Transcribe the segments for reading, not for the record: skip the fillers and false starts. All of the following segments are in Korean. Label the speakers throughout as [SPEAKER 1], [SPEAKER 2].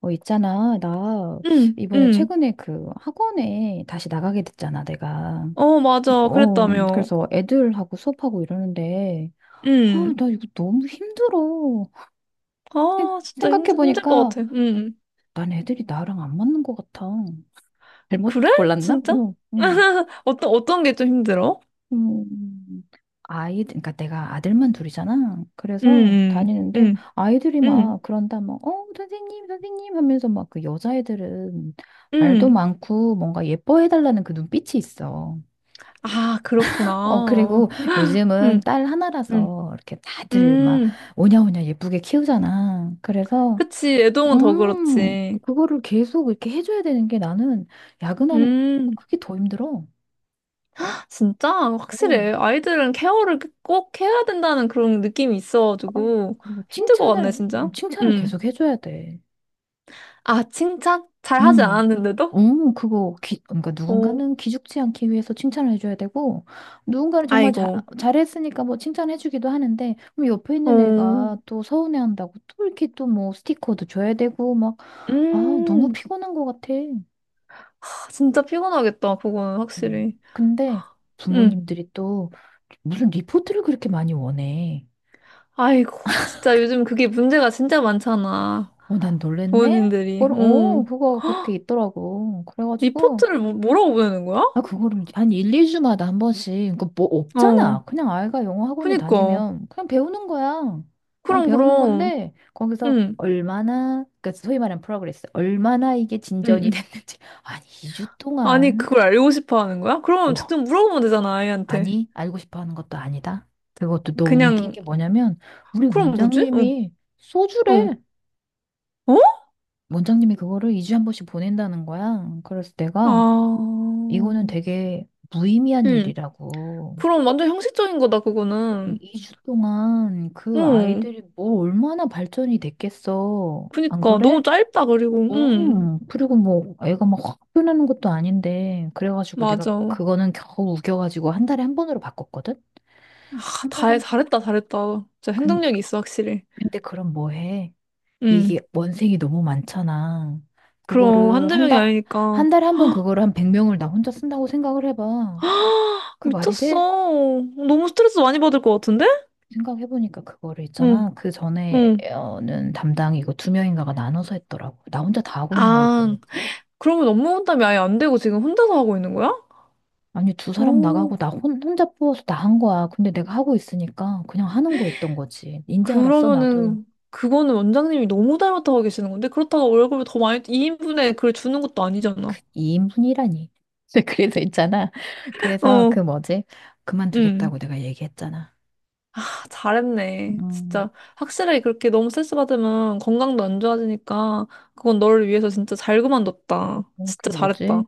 [SPEAKER 1] 있잖아. 나
[SPEAKER 2] 응,
[SPEAKER 1] 이번에
[SPEAKER 2] 응.
[SPEAKER 1] 최근에 그 학원에 다시 나가게 됐잖아, 내가.
[SPEAKER 2] 어, 맞아. 그랬다며.
[SPEAKER 1] 그래서 애들하고 수업하고 이러는데, 아,
[SPEAKER 2] 응.
[SPEAKER 1] 나 이거 너무 힘들어. 생,
[SPEAKER 2] 아, 진짜 힘들 것
[SPEAKER 1] 생각해보니까
[SPEAKER 2] 같아. 응.
[SPEAKER 1] 난 애들이 나랑 안 맞는 것 같아. 잘못
[SPEAKER 2] 그래?
[SPEAKER 1] 골랐나?
[SPEAKER 2] 진짜? 어떤 게 좀 힘들어?
[SPEAKER 1] 음, 아이, 그러니까 내가 아들만 둘이잖아.
[SPEAKER 2] 응,
[SPEAKER 1] 그래서
[SPEAKER 2] 응,
[SPEAKER 1] 다니는데
[SPEAKER 2] 응,
[SPEAKER 1] 아이들이
[SPEAKER 2] 응.
[SPEAKER 1] 막 그런다, 막, 선생님, 선생님 하면서 막 그 여자애들은 말도
[SPEAKER 2] 응.
[SPEAKER 1] 많고 뭔가 예뻐해달라는 그 눈빛이 있어.
[SPEAKER 2] 아, 그렇구나.
[SPEAKER 1] 그리고 요즘은
[SPEAKER 2] 응,
[SPEAKER 1] 딸
[SPEAKER 2] 응,
[SPEAKER 1] 하나라서 이렇게 다들 막
[SPEAKER 2] 응.
[SPEAKER 1] 오냐오냐 예쁘게 키우잖아. 그래서,
[SPEAKER 2] 그치. 애동은 더
[SPEAKER 1] 음,
[SPEAKER 2] 그렇지.
[SPEAKER 1] 그거를 계속 이렇게 해줘야 되는 게 나는 야근하는 거
[SPEAKER 2] 음,
[SPEAKER 1] 그게 더 힘들어.
[SPEAKER 2] 진짜?
[SPEAKER 1] 어.
[SPEAKER 2] 확실해. 아이들은 케어를 꼭 해야 된다는 그런 느낌이
[SPEAKER 1] 어,
[SPEAKER 2] 있어가지고.
[SPEAKER 1] 그리고
[SPEAKER 2] 힘들 것 같네,
[SPEAKER 1] 칭찬을,
[SPEAKER 2] 진짜.
[SPEAKER 1] 음, 칭찬을
[SPEAKER 2] 응.
[SPEAKER 1] 계속 해줘야 돼.
[SPEAKER 2] 아, 칭찬? 잘 하지
[SPEAKER 1] 음,
[SPEAKER 2] 않았는데도?
[SPEAKER 1] 그러니까
[SPEAKER 2] 어.
[SPEAKER 1] 누군가는 기죽지 않기 위해서 칭찬을 해줘야 되고, 누군가는 정말 자,
[SPEAKER 2] 아이고.
[SPEAKER 1] 잘했으니까 뭐 칭찬해주기도 하는데, 그럼 옆에 있는
[SPEAKER 2] 어.
[SPEAKER 1] 애가 또 서운해한다고 또 이렇게 또 뭐 스티커도 줘야 되고, 막, 아, 너무
[SPEAKER 2] 음.
[SPEAKER 1] 피곤한 것 같아.
[SPEAKER 2] 아, 진짜 피곤하겠다. 그거는 확실히.
[SPEAKER 1] 근데
[SPEAKER 2] 음.
[SPEAKER 1] 부모님들이 또 무슨 리포트를 그렇게 많이 원해.
[SPEAKER 2] 아이고. 진짜 요즘 그게 문제가 진짜 많잖아.
[SPEAKER 1] 난 놀랬네?
[SPEAKER 2] 부모님들이. 어.
[SPEAKER 1] 그거 그렇게 있더라고. 그래가지고,
[SPEAKER 2] 리포트를 뭐라고 보내는 거야?
[SPEAKER 1] 아, 그거를 한 1, 2주마다 한 번씩. 그뭐
[SPEAKER 2] 어.
[SPEAKER 1] 없잖아. 그냥 아이가 영어 학원에
[SPEAKER 2] 그니까.
[SPEAKER 1] 다니면 그냥 배우는 거야. 그냥
[SPEAKER 2] 그럼
[SPEAKER 1] 배우는
[SPEAKER 2] 그럼.
[SPEAKER 1] 건데 거기서
[SPEAKER 2] 응
[SPEAKER 1] 얼마나 그러니까 소위 말하는 프로그레스. 얼마나 이게 진전이
[SPEAKER 2] 응응.
[SPEAKER 1] 됐는지. 아니, 2주
[SPEAKER 2] 아니
[SPEAKER 1] 동안
[SPEAKER 2] 그걸 알고 싶어 하는 거야? 그러면
[SPEAKER 1] 어,
[SPEAKER 2] 직접 물어보면 되잖아 아이한테.
[SPEAKER 1] 아니, 알고 싶어 하는 것도 아니다. 그것도 너무 웃긴
[SPEAKER 2] 그냥.
[SPEAKER 1] 게 뭐냐면 우리
[SPEAKER 2] 그럼 뭐지? 응.
[SPEAKER 1] 원장님이
[SPEAKER 2] 응.
[SPEAKER 1] 소주래.
[SPEAKER 2] 어?
[SPEAKER 1] 원장님이 그거를 2주에 한 번씩 보낸다는 거야. 그래서 내가 이거는
[SPEAKER 2] 아.
[SPEAKER 1] 되게 무의미한
[SPEAKER 2] 응.
[SPEAKER 1] 일이라고.
[SPEAKER 2] 그럼 완전 형식적인 거다 그거는.
[SPEAKER 1] 2주 동안 그
[SPEAKER 2] 응.
[SPEAKER 1] 아이들이 뭐 얼마나 발전이 됐겠어. 안
[SPEAKER 2] 그니까
[SPEAKER 1] 그래?
[SPEAKER 2] 너무 짧다. 그리고 응.
[SPEAKER 1] 응. 그리고 뭐 애가 막 확 변하는 것도 아닌데. 그래가지고 내가
[SPEAKER 2] 맞아.
[SPEAKER 1] 그-
[SPEAKER 2] 아,
[SPEAKER 1] 그거는 겨우 우겨가지고 한 달에 한 번으로 바꿨거든? 한 달에
[SPEAKER 2] 다
[SPEAKER 1] 한 번.
[SPEAKER 2] 잘했다 잘했다. 진짜
[SPEAKER 1] 근,
[SPEAKER 2] 행동력이 있어 확실히.
[SPEAKER 1] 근데 그럼 뭐 해?
[SPEAKER 2] 응.
[SPEAKER 1] 이게 원생이 너무 많잖아.
[SPEAKER 2] 그럼
[SPEAKER 1] 그거를
[SPEAKER 2] 한두
[SPEAKER 1] 한
[SPEAKER 2] 명이
[SPEAKER 1] 달,
[SPEAKER 2] 아니니까.
[SPEAKER 1] 한 달에 한 번 그거를 한 100명을 나 혼자 쓴다고 생각을 해봐.
[SPEAKER 2] 아
[SPEAKER 1] 그 말이
[SPEAKER 2] 미쳤어.
[SPEAKER 1] 돼?
[SPEAKER 2] 너무 스트레스 많이 받을 것 같은데.
[SPEAKER 1] 생각해보니까 그거를 있잖아. 그 전에는 담당 이거 2명인가가 나눠서 했더라고. 나 혼자 다 하고 있는 거였 거지
[SPEAKER 2] 응응아. 그러면 업무 분담이 아예 안 되고 지금 혼자서 하고 있는 거야?
[SPEAKER 1] 아니, 두 사람
[SPEAKER 2] 오.
[SPEAKER 1] 나가고 나 혼자 뽑아서 다 한 거야. 근데 내가 하고 있으니까 그냥 하는 거였던 거지. 인제 알았어, 나도.
[SPEAKER 2] 그러면은 그거는 원장님이 너무 닮았다고 하고 계시는 건데, 그렇다고 월급을 더 많이 2인분에 그걸 주는 것도
[SPEAKER 1] 그
[SPEAKER 2] 아니잖아.
[SPEAKER 1] 2인분이라니. 그래서 있잖아. 그래서 그
[SPEAKER 2] 어응.
[SPEAKER 1] 뭐지? 그만두겠다고 내가 얘기했잖아.
[SPEAKER 2] 아, 잘했네.
[SPEAKER 1] 음,
[SPEAKER 2] 진짜 확실히 그렇게 너무 스트레스 받으면 건강도 안 좋아지니까. 그건 너를 위해서 진짜 잘 그만뒀다.
[SPEAKER 1] 그
[SPEAKER 2] 진짜 잘했다.
[SPEAKER 1] 뭐지?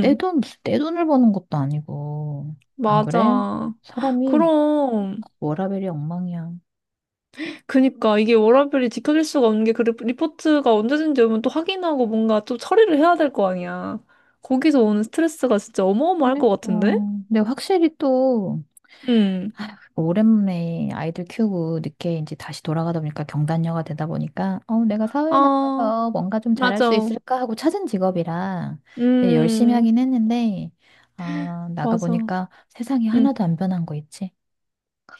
[SPEAKER 1] 무슨 내 돈을 버는 것도 아니고. 안 그래?
[SPEAKER 2] 맞아.
[SPEAKER 1] 사람이
[SPEAKER 2] 그럼.
[SPEAKER 1] 워라밸이 엉망이야.
[SPEAKER 2] 그니까 이게 워라밸이 지켜질 수가 없는 게, 그 리포트가 언제든지 오면 또 확인하고 뭔가 또 처리를 해야 될 거 아니야. 거기서 오는 스트레스가 진짜 어마어마할
[SPEAKER 1] 그러니까.
[SPEAKER 2] 것 같은데?
[SPEAKER 1] 근데 확실히 또
[SPEAKER 2] 응.
[SPEAKER 1] 오랜만에 아이들 키우고 늦게 이제 다시 돌아가다 보니까 경단녀가 되다 보니까 내가 사회에
[SPEAKER 2] 아,
[SPEAKER 1] 나가서 뭔가 좀 잘할 수
[SPEAKER 2] 맞아.
[SPEAKER 1] 있을까 하고 찾은 직업이라 네, 열심히
[SPEAKER 2] 음,
[SPEAKER 1] 하긴 했는데 아 나가
[SPEAKER 2] 맞아.
[SPEAKER 1] 보니까 세상이
[SPEAKER 2] 응,
[SPEAKER 1] 하나도 안 변한 거 있지.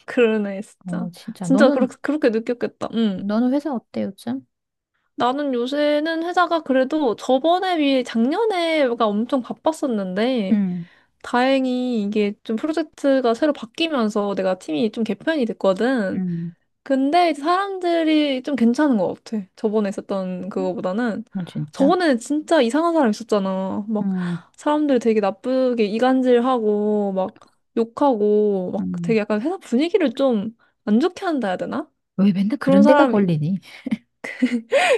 [SPEAKER 2] 그러네, 진짜.
[SPEAKER 1] 진짜.
[SPEAKER 2] 진짜
[SPEAKER 1] 너는
[SPEAKER 2] 그렇게, 그렇게 느꼈겠다. 응.
[SPEAKER 1] 너는 회사 어때 요즘?
[SPEAKER 2] 나는 요새는 회사가 그래도 저번에 비해 작년에가 엄청 바빴었는데,
[SPEAKER 1] 응.
[SPEAKER 2] 다행히 이게 좀 프로젝트가 새로 바뀌면서 내가 팀이 좀 개편이 됐거든.
[SPEAKER 1] 응.
[SPEAKER 2] 근데 이제 사람들이 좀 괜찮은 것 같아. 저번에 있었던 그거보다는.
[SPEAKER 1] 어, 진짜.
[SPEAKER 2] 저번에는 진짜 이상한 사람 있었잖아.
[SPEAKER 1] 응,
[SPEAKER 2] 막 사람들 되게 나쁘게 이간질하고, 막 욕하고, 막 되게
[SPEAKER 1] 응.
[SPEAKER 2] 약간 회사 분위기를 좀 안 좋게 한다 해야 되나?
[SPEAKER 1] 왜 맨날
[SPEAKER 2] 그런
[SPEAKER 1] 그런 데가
[SPEAKER 2] 사람이.
[SPEAKER 1] 걸리니?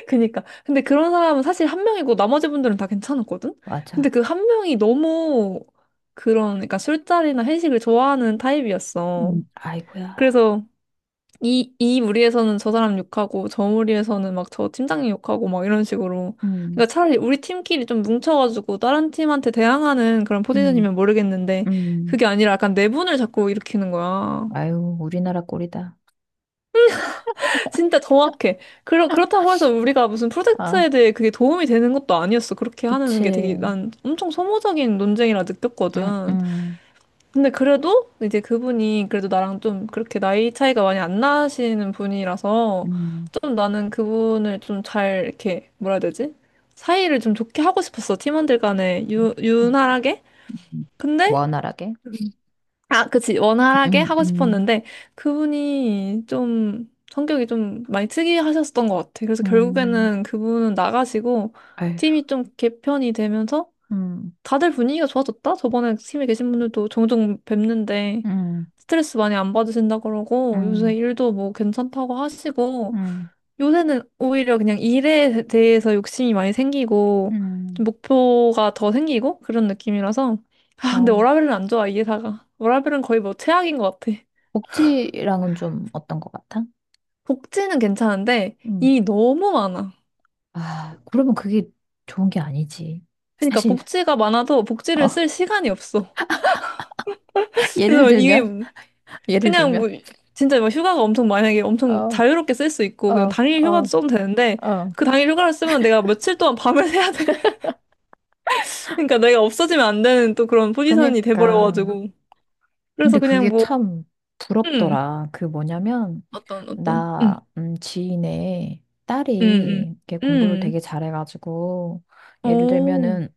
[SPEAKER 2] 그니까. 근데 그런 사람은 사실 한 명이고 나머지 분들은 다 괜찮았거든? 근데
[SPEAKER 1] 맞아.
[SPEAKER 2] 그 한 명이 너무 그런, 그러니까 술자리나 회식을 좋아하는 타입이었어.
[SPEAKER 1] 응. 아이고야.
[SPEAKER 2] 그래서 이 무리에서는 저 사람 욕하고, 저 무리에서는 막 저 팀장님 욕하고, 막 이런 식으로.
[SPEAKER 1] 응
[SPEAKER 2] 그러니까 차라리 우리 팀끼리 좀 뭉쳐가지고 다른 팀한테 대항하는 그런
[SPEAKER 1] 응
[SPEAKER 2] 포지션이면 모르겠는데,
[SPEAKER 1] 응
[SPEAKER 2] 그게 아니라 약간 내분을 자꾸 일으키는 거야.
[SPEAKER 1] 아유, 우리나라 꼴이다.
[SPEAKER 2] 진짜 정확해. 그렇다고 해서 우리가 무슨
[SPEAKER 1] 아,
[SPEAKER 2] 프로젝트에 대해 그게 도움이 되는 것도 아니었어. 그렇게 하는 게 되게
[SPEAKER 1] 그치.
[SPEAKER 2] 난 엄청 소모적인 논쟁이라
[SPEAKER 1] 응,
[SPEAKER 2] 느꼈거든.
[SPEAKER 1] 응,
[SPEAKER 2] 근데 그래도 이제 그분이 그래도 나랑 좀 그렇게 나이 차이가 많이 안 나시는 분이라서,
[SPEAKER 1] 응.
[SPEAKER 2] 좀 나는 그분을 좀 잘 이렇게 뭐라 해야 되지? 사이를 좀 좋게 하고 싶었어. 팀원들 간에 유,
[SPEAKER 1] 응,
[SPEAKER 2] 유난하게.
[SPEAKER 1] 응.
[SPEAKER 2] 근데
[SPEAKER 1] 원활하게?
[SPEAKER 2] 음. 아, 그치. 원활하게
[SPEAKER 1] 응,
[SPEAKER 2] 하고
[SPEAKER 1] 응,
[SPEAKER 2] 싶었는데, 그분이 좀 성격이 좀 많이 특이하셨던 것 같아. 그래서
[SPEAKER 1] 응.
[SPEAKER 2] 결국에는 그분은 나가시고,
[SPEAKER 1] 아유,
[SPEAKER 2] 팀이 좀 개편이 되면서,
[SPEAKER 1] 응,
[SPEAKER 2] 다들 분위기가 좋아졌다? 저번에 팀에 계신 분들도 종종 뵙는데,
[SPEAKER 1] 응,
[SPEAKER 2] 스트레스 많이 안 받으신다 그러고, 요새
[SPEAKER 1] 응,
[SPEAKER 2] 일도 뭐 괜찮다고 하시고,
[SPEAKER 1] 응,
[SPEAKER 2] 요새는 오히려 그냥 일에 대해서 욕심이 많이 생기고,
[SPEAKER 1] 응.
[SPEAKER 2] 좀 목표가 더 생기고, 그런 느낌이라서. 아, 근데
[SPEAKER 1] 아우,
[SPEAKER 2] 워라밸은 안 좋아, 이 회사가. 워라밸은 거의 뭐 최악인 것 같아.
[SPEAKER 1] 복지랑은 좀 어떤 것 같아?
[SPEAKER 2] 복지는 괜찮은데,
[SPEAKER 1] 응.
[SPEAKER 2] 일이 너무 많아.
[SPEAKER 1] 아, 그러면 그게 좋은 게 아니지.
[SPEAKER 2] 그러니까
[SPEAKER 1] 사실,
[SPEAKER 2] 복지가 많아도 복지를
[SPEAKER 1] 어,
[SPEAKER 2] 쓸 시간이 없어.
[SPEAKER 1] 예를
[SPEAKER 2] 그래서 이게
[SPEAKER 1] 들면, 예를
[SPEAKER 2] 그냥
[SPEAKER 1] 들면,
[SPEAKER 2] 뭐, 진짜 뭐 휴가가 엄청 만약에 엄청
[SPEAKER 1] 어,
[SPEAKER 2] 자유롭게 쓸 수 있고, 그냥
[SPEAKER 1] 어,
[SPEAKER 2] 당일 휴가도
[SPEAKER 1] 어,
[SPEAKER 2] 써도 되는데,
[SPEAKER 1] 어.
[SPEAKER 2] 그 당일 휴가를 쓰면 내가 며칠 동안 밤을 새야 돼. 그러니까 내가 없어지면 안 되는 또 그런 포지션이
[SPEAKER 1] 그러니까.
[SPEAKER 2] 돼버려가지고. 그래서
[SPEAKER 1] 근데
[SPEAKER 2] 그냥
[SPEAKER 1] 그게
[SPEAKER 2] 뭐,
[SPEAKER 1] 참
[SPEAKER 2] 음,
[SPEAKER 1] 부럽더라. 그 뭐냐면,
[SPEAKER 2] 어떤,
[SPEAKER 1] 지인의
[SPEAKER 2] 음,
[SPEAKER 1] 딸이 이렇게
[SPEAKER 2] 음,
[SPEAKER 1] 공부를 되게
[SPEAKER 2] 음,
[SPEAKER 1] 잘해가지고, 예를
[SPEAKER 2] 오,
[SPEAKER 1] 들면은,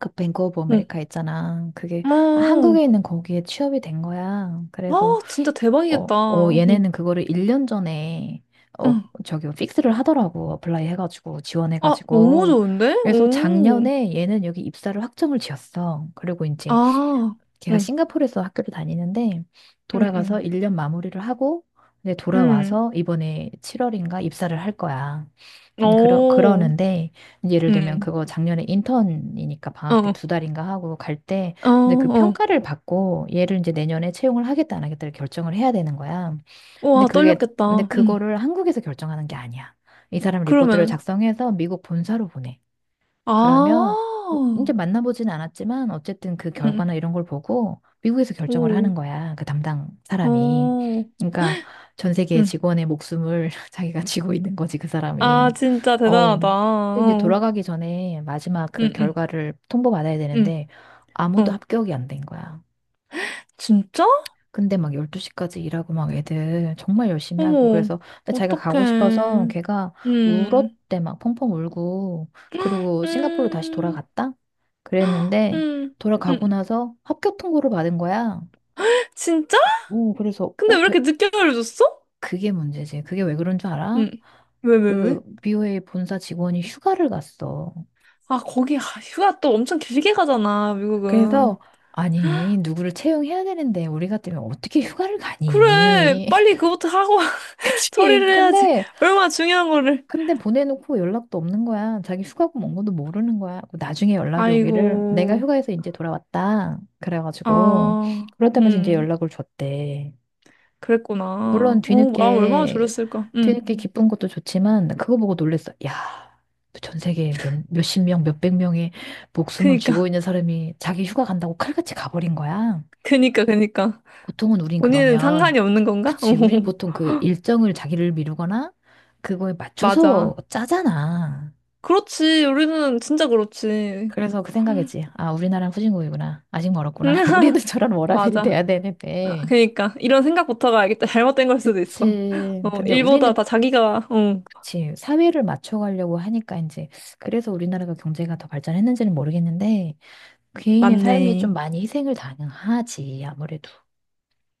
[SPEAKER 1] 그 뱅크오브
[SPEAKER 2] 음,
[SPEAKER 1] 아메리카 있잖아. 그게
[SPEAKER 2] 어,
[SPEAKER 1] 한국에 있는 거기에 취업이 된 거야. 그래서,
[SPEAKER 2] 아, 진짜 대박이겠다. 응
[SPEAKER 1] 얘네는 그거를 1년 전에,
[SPEAKER 2] 응.
[SPEAKER 1] 저기, 뭐 픽스를 하더라고. 어플라이 해가지고,
[SPEAKER 2] 아, 너무
[SPEAKER 1] 지원해가지고.
[SPEAKER 2] 좋은데?
[SPEAKER 1] 그래서
[SPEAKER 2] 오,
[SPEAKER 1] 작년에 얘는 여기 입사를 확정을 지었어. 그리고 이제
[SPEAKER 2] 아,
[SPEAKER 1] 걔가
[SPEAKER 2] 응
[SPEAKER 1] 싱가포르에서 학교를 다니는데
[SPEAKER 2] 응
[SPEAKER 1] 돌아가서
[SPEAKER 2] 응
[SPEAKER 1] 1년 마무리를 하고 이제 돌아와서 이번에 7월인가 입사를 할 거야.
[SPEAKER 2] 응,
[SPEAKER 1] 그러,
[SPEAKER 2] 오,
[SPEAKER 1] 그러는데 예를 들면
[SPEAKER 2] 응
[SPEAKER 1] 그거 작년에 인턴이니까 방학 때
[SPEAKER 2] 어,
[SPEAKER 1] 2달인가 하고 갈 때
[SPEAKER 2] 어,
[SPEAKER 1] 이제 그
[SPEAKER 2] 어,
[SPEAKER 1] 평가를 받고 얘를 이제 내년에 채용을 하겠다 안 하겠다를 결정을 해야 되는 거야.
[SPEAKER 2] 와,
[SPEAKER 1] 근데
[SPEAKER 2] 떨렸겠다. 응.
[SPEAKER 1] 그거를 한국에서 결정하는 게 아니야. 이 사람 리포트를
[SPEAKER 2] 그러면은,
[SPEAKER 1] 작성해서 미국 본사로 보내. 그러면
[SPEAKER 2] 아,
[SPEAKER 1] 뭐 이제 만나보진 않았지만 어쨌든 그
[SPEAKER 2] 응.
[SPEAKER 1] 결과나 이런 걸 보고 미국에서 결정을
[SPEAKER 2] 오,
[SPEAKER 1] 하는 거야. 그 담당 사람이.
[SPEAKER 2] 어,
[SPEAKER 1] 그러니까 전 세계
[SPEAKER 2] 응.
[SPEAKER 1] 직원의 목숨을 자기가 쥐고 있는 거지, 그
[SPEAKER 2] 아,
[SPEAKER 1] 사람이.
[SPEAKER 2] 진짜
[SPEAKER 1] 어,
[SPEAKER 2] 대단하다.
[SPEAKER 1] 근데 이제
[SPEAKER 2] 어,
[SPEAKER 1] 돌아가기 전에 마지막
[SPEAKER 2] 응
[SPEAKER 1] 그
[SPEAKER 2] 응
[SPEAKER 1] 결과를 통보받아야 되는데
[SPEAKER 2] 응,
[SPEAKER 1] 아무도
[SPEAKER 2] 어.
[SPEAKER 1] 합격이 안 된 거야.
[SPEAKER 2] 진짜?
[SPEAKER 1] 근데 막 12시까지 일하고 막 애들 정말 열심히 하고
[SPEAKER 2] 어머,
[SPEAKER 1] 그래서 근데 자기가 가고 싶어서
[SPEAKER 2] 어떡해.
[SPEAKER 1] 걔가
[SPEAKER 2] 음,
[SPEAKER 1] 울었대. 막 펑펑 울고 그리고 싱가포르로 다시
[SPEAKER 2] 음,
[SPEAKER 1] 돌아갔다? 그랬는데
[SPEAKER 2] 음,
[SPEAKER 1] 돌아가고
[SPEAKER 2] 음.
[SPEAKER 1] 나서 합격 통보를 받은 거야.
[SPEAKER 2] 진짜?
[SPEAKER 1] 오, 그래서
[SPEAKER 2] 근데 왜 이렇게 늦게 알려줬어?
[SPEAKER 1] 그게 문제지. 그게 왜 그런 줄 알아?
[SPEAKER 2] 음. 왜, 왜, 왜?
[SPEAKER 1] 그 BOA 본사 직원이 휴가를 갔어.
[SPEAKER 2] 아, 거기, 아, 휴가 또 엄청 길게 가잖아, 미국은.
[SPEAKER 1] 그래서 아니 누구를 채용해야 되는데 우리 같으면 어떻게 휴가를
[SPEAKER 2] 그래,
[SPEAKER 1] 가니?
[SPEAKER 2] 빨리 그것도 하고
[SPEAKER 1] 그치?
[SPEAKER 2] 처리를 해야지.
[SPEAKER 1] 근데
[SPEAKER 2] 얼마나 중요한 거를.
[SPEAKER 1] 근데 보내놓고 연락도 없는 거야. 자기 휴가고 뭔 것도 모르는 거야. 나중에 연락이 오기를 내가
[SPEAKER 2] 아이고,
[SPEAKER 1] 휴가에서 이제 돌아왔다. 그래가지고
[SPEAKER 2] 아,
[SPEAKER 1] 그렇다면서 이제
[SPEAKER 2] 음,
[SPEAKER 1] 연락을 줬대. 물론
[SPEAKER 2] 그랬구나. 어, 마음 얼마나
[SPEAKER 1] 뒤늦게
[SPEAKER 2] 졸였을까.
[SPEAKER 1] 뒤늦게 기쁜 것도 좋지만 그거 보고 놀랬어. 야, 전 세계 몇십 명, 몇백 명의 목숨을 쥐고
[SPEAKER 2] 그니까,
[SPEAKER 1] 있는 사람이 자기 휴가 간다고 칼같이 가버린 거야.
[SPEAKER 2] 그니까, 그니까.
[SPEAKER 1] 보통은 우린
[SPEAKER 2] 본인은
[SPEAKER 1] 그러면.
[SPEAKER 2] 상관이 없는 건가? 어,
[SPEAKER 1] 그치. 우리는 보통 그 일정을 자기를 미루거나 그거에 맞춰서
[SPEAKER 2] 맞아.
[SPEAKER 1] 짜잖아.
[SPEAKER 2] 그렇지. 우리는 진짜 그렇지.
[SPEAKER 1] 그래서 그 생각했지. 아, 우리나라는 후진국이구나. 아직 멀었구나. 우리는 저런 워라밸이
[SPEAKER 2] 맞아.
[SPEAKER 1] 돼야
[SPEAKER 2] 아,
[SPEAKER 1] 되는데.
[SPEAKER 2] 그러니까 이런 생각부터가 알겠다. 잘못된 걸 수도 있어.
[SPEAKER 1] 그치.
[SPEAKER 2] 어,
[SPEAKER 1] 근데
[SPEAKER 2] 일보다
[SPEAKER 1] 우리는,
[SPEAKER 2] 다 자기가 어,
[SPEAKER 1] 그치. 사회를 맞춰가려고 하니까 이제, 그래서 우리나라가 경제가 더 발전했는지는 모르겠는데, 개인의 삶이
[SPEAKER 2] 맞네.
[SPEAKER 1] 좀 많이 희생을 당하지, 아무래도.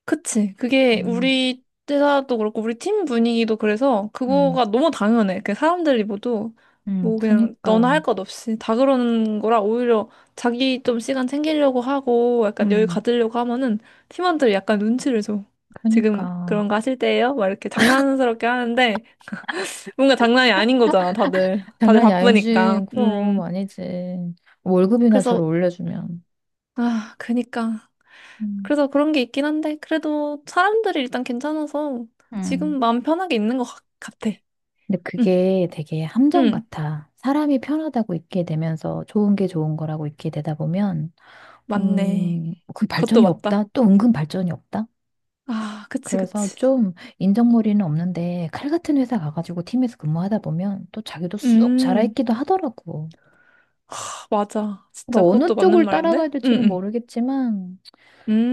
[SPEAKER 2] 그치. 그게
[SPEAKER 1] 음,
[SPEAKER 2] 우리 회사도 그렇고 우리 팀 분위기도 그래서
[SPEAKER 1] 음,
[SPEAKER 2] 그거가 너무 당연해. 그 사람들이 모두 뭐 그냥 너나
[SPEAKER 1] 그니까,
[SPEAKER 2] 할 것 없이 다 그러는 거라, 오히려 자기 좀 시간 챙기려고 하고 약간 여유
[SPEAKER 1] 음.
[SPEAKER 2] 가지려고 하면은 팀원들이 약간 눈치를 줘. 지금
[SPEAKER 1] 그니까.
[SPEAKER 2] 그런 거 하실 때예요? 막 이렇게 장난스럽게 하는데, 뭔가 장난이 아닌 거잖아, 다들. 다들
[SPEAKER 1] 장난이
[SPEAKER 2] 바쁘니까.
[SPEAKER 1] 아니지. 그럼, 아니지. 월급이나 잘
[SPEAKER 2] 그래서,
[SPEAKER 1] 올려주면.
[SPEAKER 2] 아, 그니까.
[SPEAKER 1] 음.
[SPEAKER 2] 그래서 그런 게 있긴 한데, 그래도 사람들이 일단 괜찮아서
[SPEAKER 1] 음.
[SPEAKER 2] 지금 마음 편하게 있는 것 같아.
[SPEAKER 1] 근데
[SPEAKER 2] 응,
[SPEAKER 1] 그게 되게 함정
[SPEAKER 2] 응,
[SPEAKER 1] 같아. 사람이 편하다고 있게 되면서 좋은 게 좋은 거라고 있게 되다 보면,
[SPEAKER 2] 맞네.
[SPEAKER 1] 그
[SPEAKER 2] 그것도
[SPEAKER 1] 발전이 없다.
[SPEAKER 2] 맞다.
[SPEAKER 1] 또 은근 발전이 없다.
[SPEAKER 2] 아, 그치,
[SPEAKER 1] 그래서
[SPEAKER 2] 그치.
[SPEAKER 1] 좀 인정머리는 없는데 칼 같은 회사 가가지고 팀에서 근무하다 보면 또 자기도 쑥
[SPEAKER 2] 음,
[SPEAKER 1] 자라있기도 하더라고.
[SPEAKER 2] 하, 맞아.
[SPEAKER 1] 그러니까
[SPEAKER 2] 진짜 그것도
[SPEAKER 1] 어느
[SPEAKER 2] 맞는
[SPEAKER 1] 쪽을
[SPEAKER 2] 말인데?
[SPEAKER 1] 따라가야
[SPEAKER 2] 응,
[SPEAKER 1] 될지는
[SPEAKER 2] 응.
[SPEAKER 1] 모르겠지만,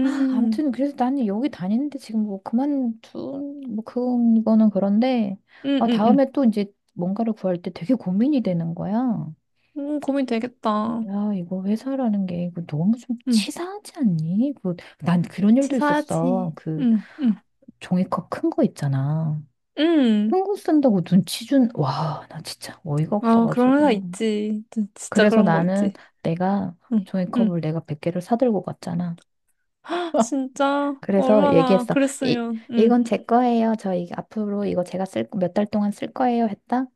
[SPEAKER 1] 아, 아무튼 그래서 나는 여기 다니는데 지금 뭐 그거는 그런데,
[SPEAKER 2] 응,
[SPEAKER 1] 아,
[SPEAKER 2] 응, 응.
[SPEAKER 1] 다음에 또 이제 뭔가를 구할 때 되게 고민이 되는 거야.
[SPEAKER 2] 고민 되겠다.
[SPEAKER 1] 야, 이거 회사라는 게 이거 너무 좀
[SPEAKER 2] 응,
[SPEAKER 1] 치사하지 않니? 난 그런 일도 있었어.
[SPEAKER 2] 치사하지.
[SPEAKER 1] 그
[SPEAKER 2] 응, 응,
[SPEAKER 1] 종이컵 큰 거 있잖아.
[SPEAKER 2] 응.
[SPEAKER 1] 큰 거 쓴다고 눈치 준, 와, 나 진짜 어이가
[SPEAKER 2] 아, 그런 회사
[SPEAKER 1] 없어가지고.
[SPEAKER 2] 있지. 진짜
[SPEAKER 1] 그래서
[SPEAKER 2] 그런 거
[SPEAKER 1] 나는
[SPEAKER 2] 있지.
[SPEAKER 1] 내가
[SPEAKER 2] 응, 응.
[SPEAKER 1] 종이컵을 내가 100개를 사들고 갔잖아.
[SPEAKER 2] 헉, 진짜
[SPEAKER 1] 그래서
[SPEAKER 2] 얼마나
[SPEAKER 1] 얘기했어. 이,
[SPEAKER 2] 그랬으면. 응,
[SPEAKER 1] 이건 제 거예요. 앞으로 이거 제가 쓸, 몇 달 동안 쓸 거예요. 했다?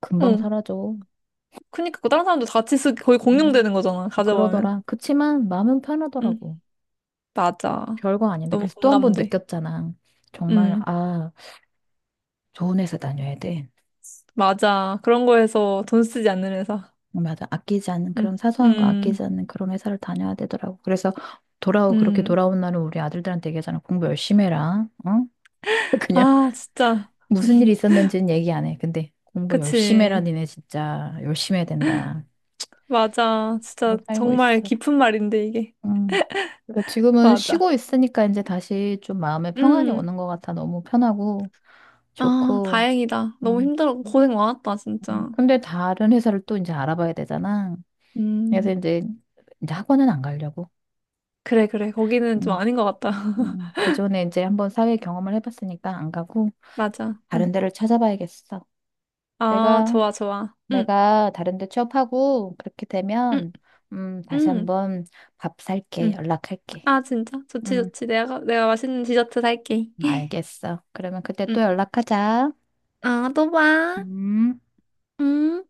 [SPEAKER 1] 금방
[SPEAKER 2] 응.
[SPEAKER 1] 사라져.
[SPEAKER 2] 그니까 그 다른 사람도 같이 쓰 거의
[SPEAKER 1] 음,
[SPEAKER 2] 공용되는 거잖아. 가져가면.
[SPEAKER 1] 그러더라. 그치만 마음은
[SPEAKER 2] 응,
[SPEAKER 1] 편하더라고.
[SPEAKER 2] 맞아.
[SPEAKER 1] 별거 아닌데
[SPEAKER 2] 너무
[SPEAKER 1] 그래서 또 한 번
[SPEAKER 2] 공감돼.
[SPEAKER 1] 느꼈잖아. 정말
[SPEAKER 2] 응,
[SPEAKER 1] 아, 좋은 회사 다녀야 돼.
[SPEAKER 2] 맞아. 그런 거에서 돈 쓰지 않는 회사.
[SPEAKER 1] 맞아, 아끼지 않는
[SPEAKER 2] 응,
[SPEAKER 1] 그런 사소한 거
[SPEAKER 2] 응,
[SPEAKER 1] 아끼지 않는 그런 회사를 다녀야 되더라고. 그래서 돌아오 그렇게
[SPEAKER 2] 응.
[SPEAKER 1] 돌아온 날은 우리 아들들한테 얘기하잖아. 공부 열심히 해라. 어? 그냥
[SPEAKER 2] 아, 진짜.
[SPEAKER 1] 무슨 일이 있었는지는 얘기 안 해. 근데 공부 열심히 해라.
[SPEAKER 2] 그치.
[SPEAKER 1] 니네 진짜 열심히 해야 된다.
[SPEAKER 2] 맞아. 진짜
[SPEAKER 1] 하고 살고
[SPEAKER 2] 정말
[SPEAKER 1] 있어.
[SPEAKER 2] 깊은 말인데 이게.
[SPEAKER 1] 음. 그러니까 지금은 쉬고
[SPEAKER 2] 맞아.
[SPEAKER 1] 있으니까 이제 다시 좀 마음에 평안이
[SPEAKER 2] 음,
[SPEAKER 1] 오는 것 같아. 너무 편하고
[SPEAKER 2] 아,
[SPEAKER 1] 좋고.
[SPEAKER 2] 다행이다. 너무
[SPEAKER 1] 음.
[SPEAKER 2] 힘들었고 고생 많았다, 진짜.
[SPEAKER 1] 근데 다른 회사를 또 이제 알아봐야 되잖아. 그래서
[SPEAKER 2] 음.
[SPEAKER 1] 이제 학원은 안 가려고.
[SPEAKER 2] 그래, 그래. 거기는 좀
[SPEAKER 1] 음,
[SPEAKER 2] 아닌 것 같다.
[SPEAKER 1] 예전에 이제 한번 사회 경험을 해봤으니까 안 가고
[SPEAKER 2] 맞아.
[SPEAKER 1] 다른
[SPEAKER 2] 응.
[SPEAKER 1] 데를 찾아봐야겠어.
[SPEAKER 2] 아,
[SPEAKER 1] 내가,
[SPEAKER 2] 좋아, 좋아. 응,
[SPEAKER 1] 내가 다른 데 취업하고 그렇게
[SPEAKER 2] 응,
[SPEAKER 1] 되면, 다시
[SPEAKER 2] 응,
[SPEAKER 1] 한번 밥 살게.
[SPEAKER 2] 응.
[SPEAKER 1] 연락할게.
[SPEAKER 2] 아, 진짜? 좋지,
[SPEAKER 1] 음,
[SPEAKER 2] 좋지. 내가 맛있는 디저트 살게.
[SPEAKER 1] 알겠어. 그러면 그때 또
[SPEAKER 2] 응.
[SPEAKER 1] 연락하자.
[SPEAKER 2] 아, 또 봐.
[SPEAKER 1] 음.
[SPEAKER 2] 응.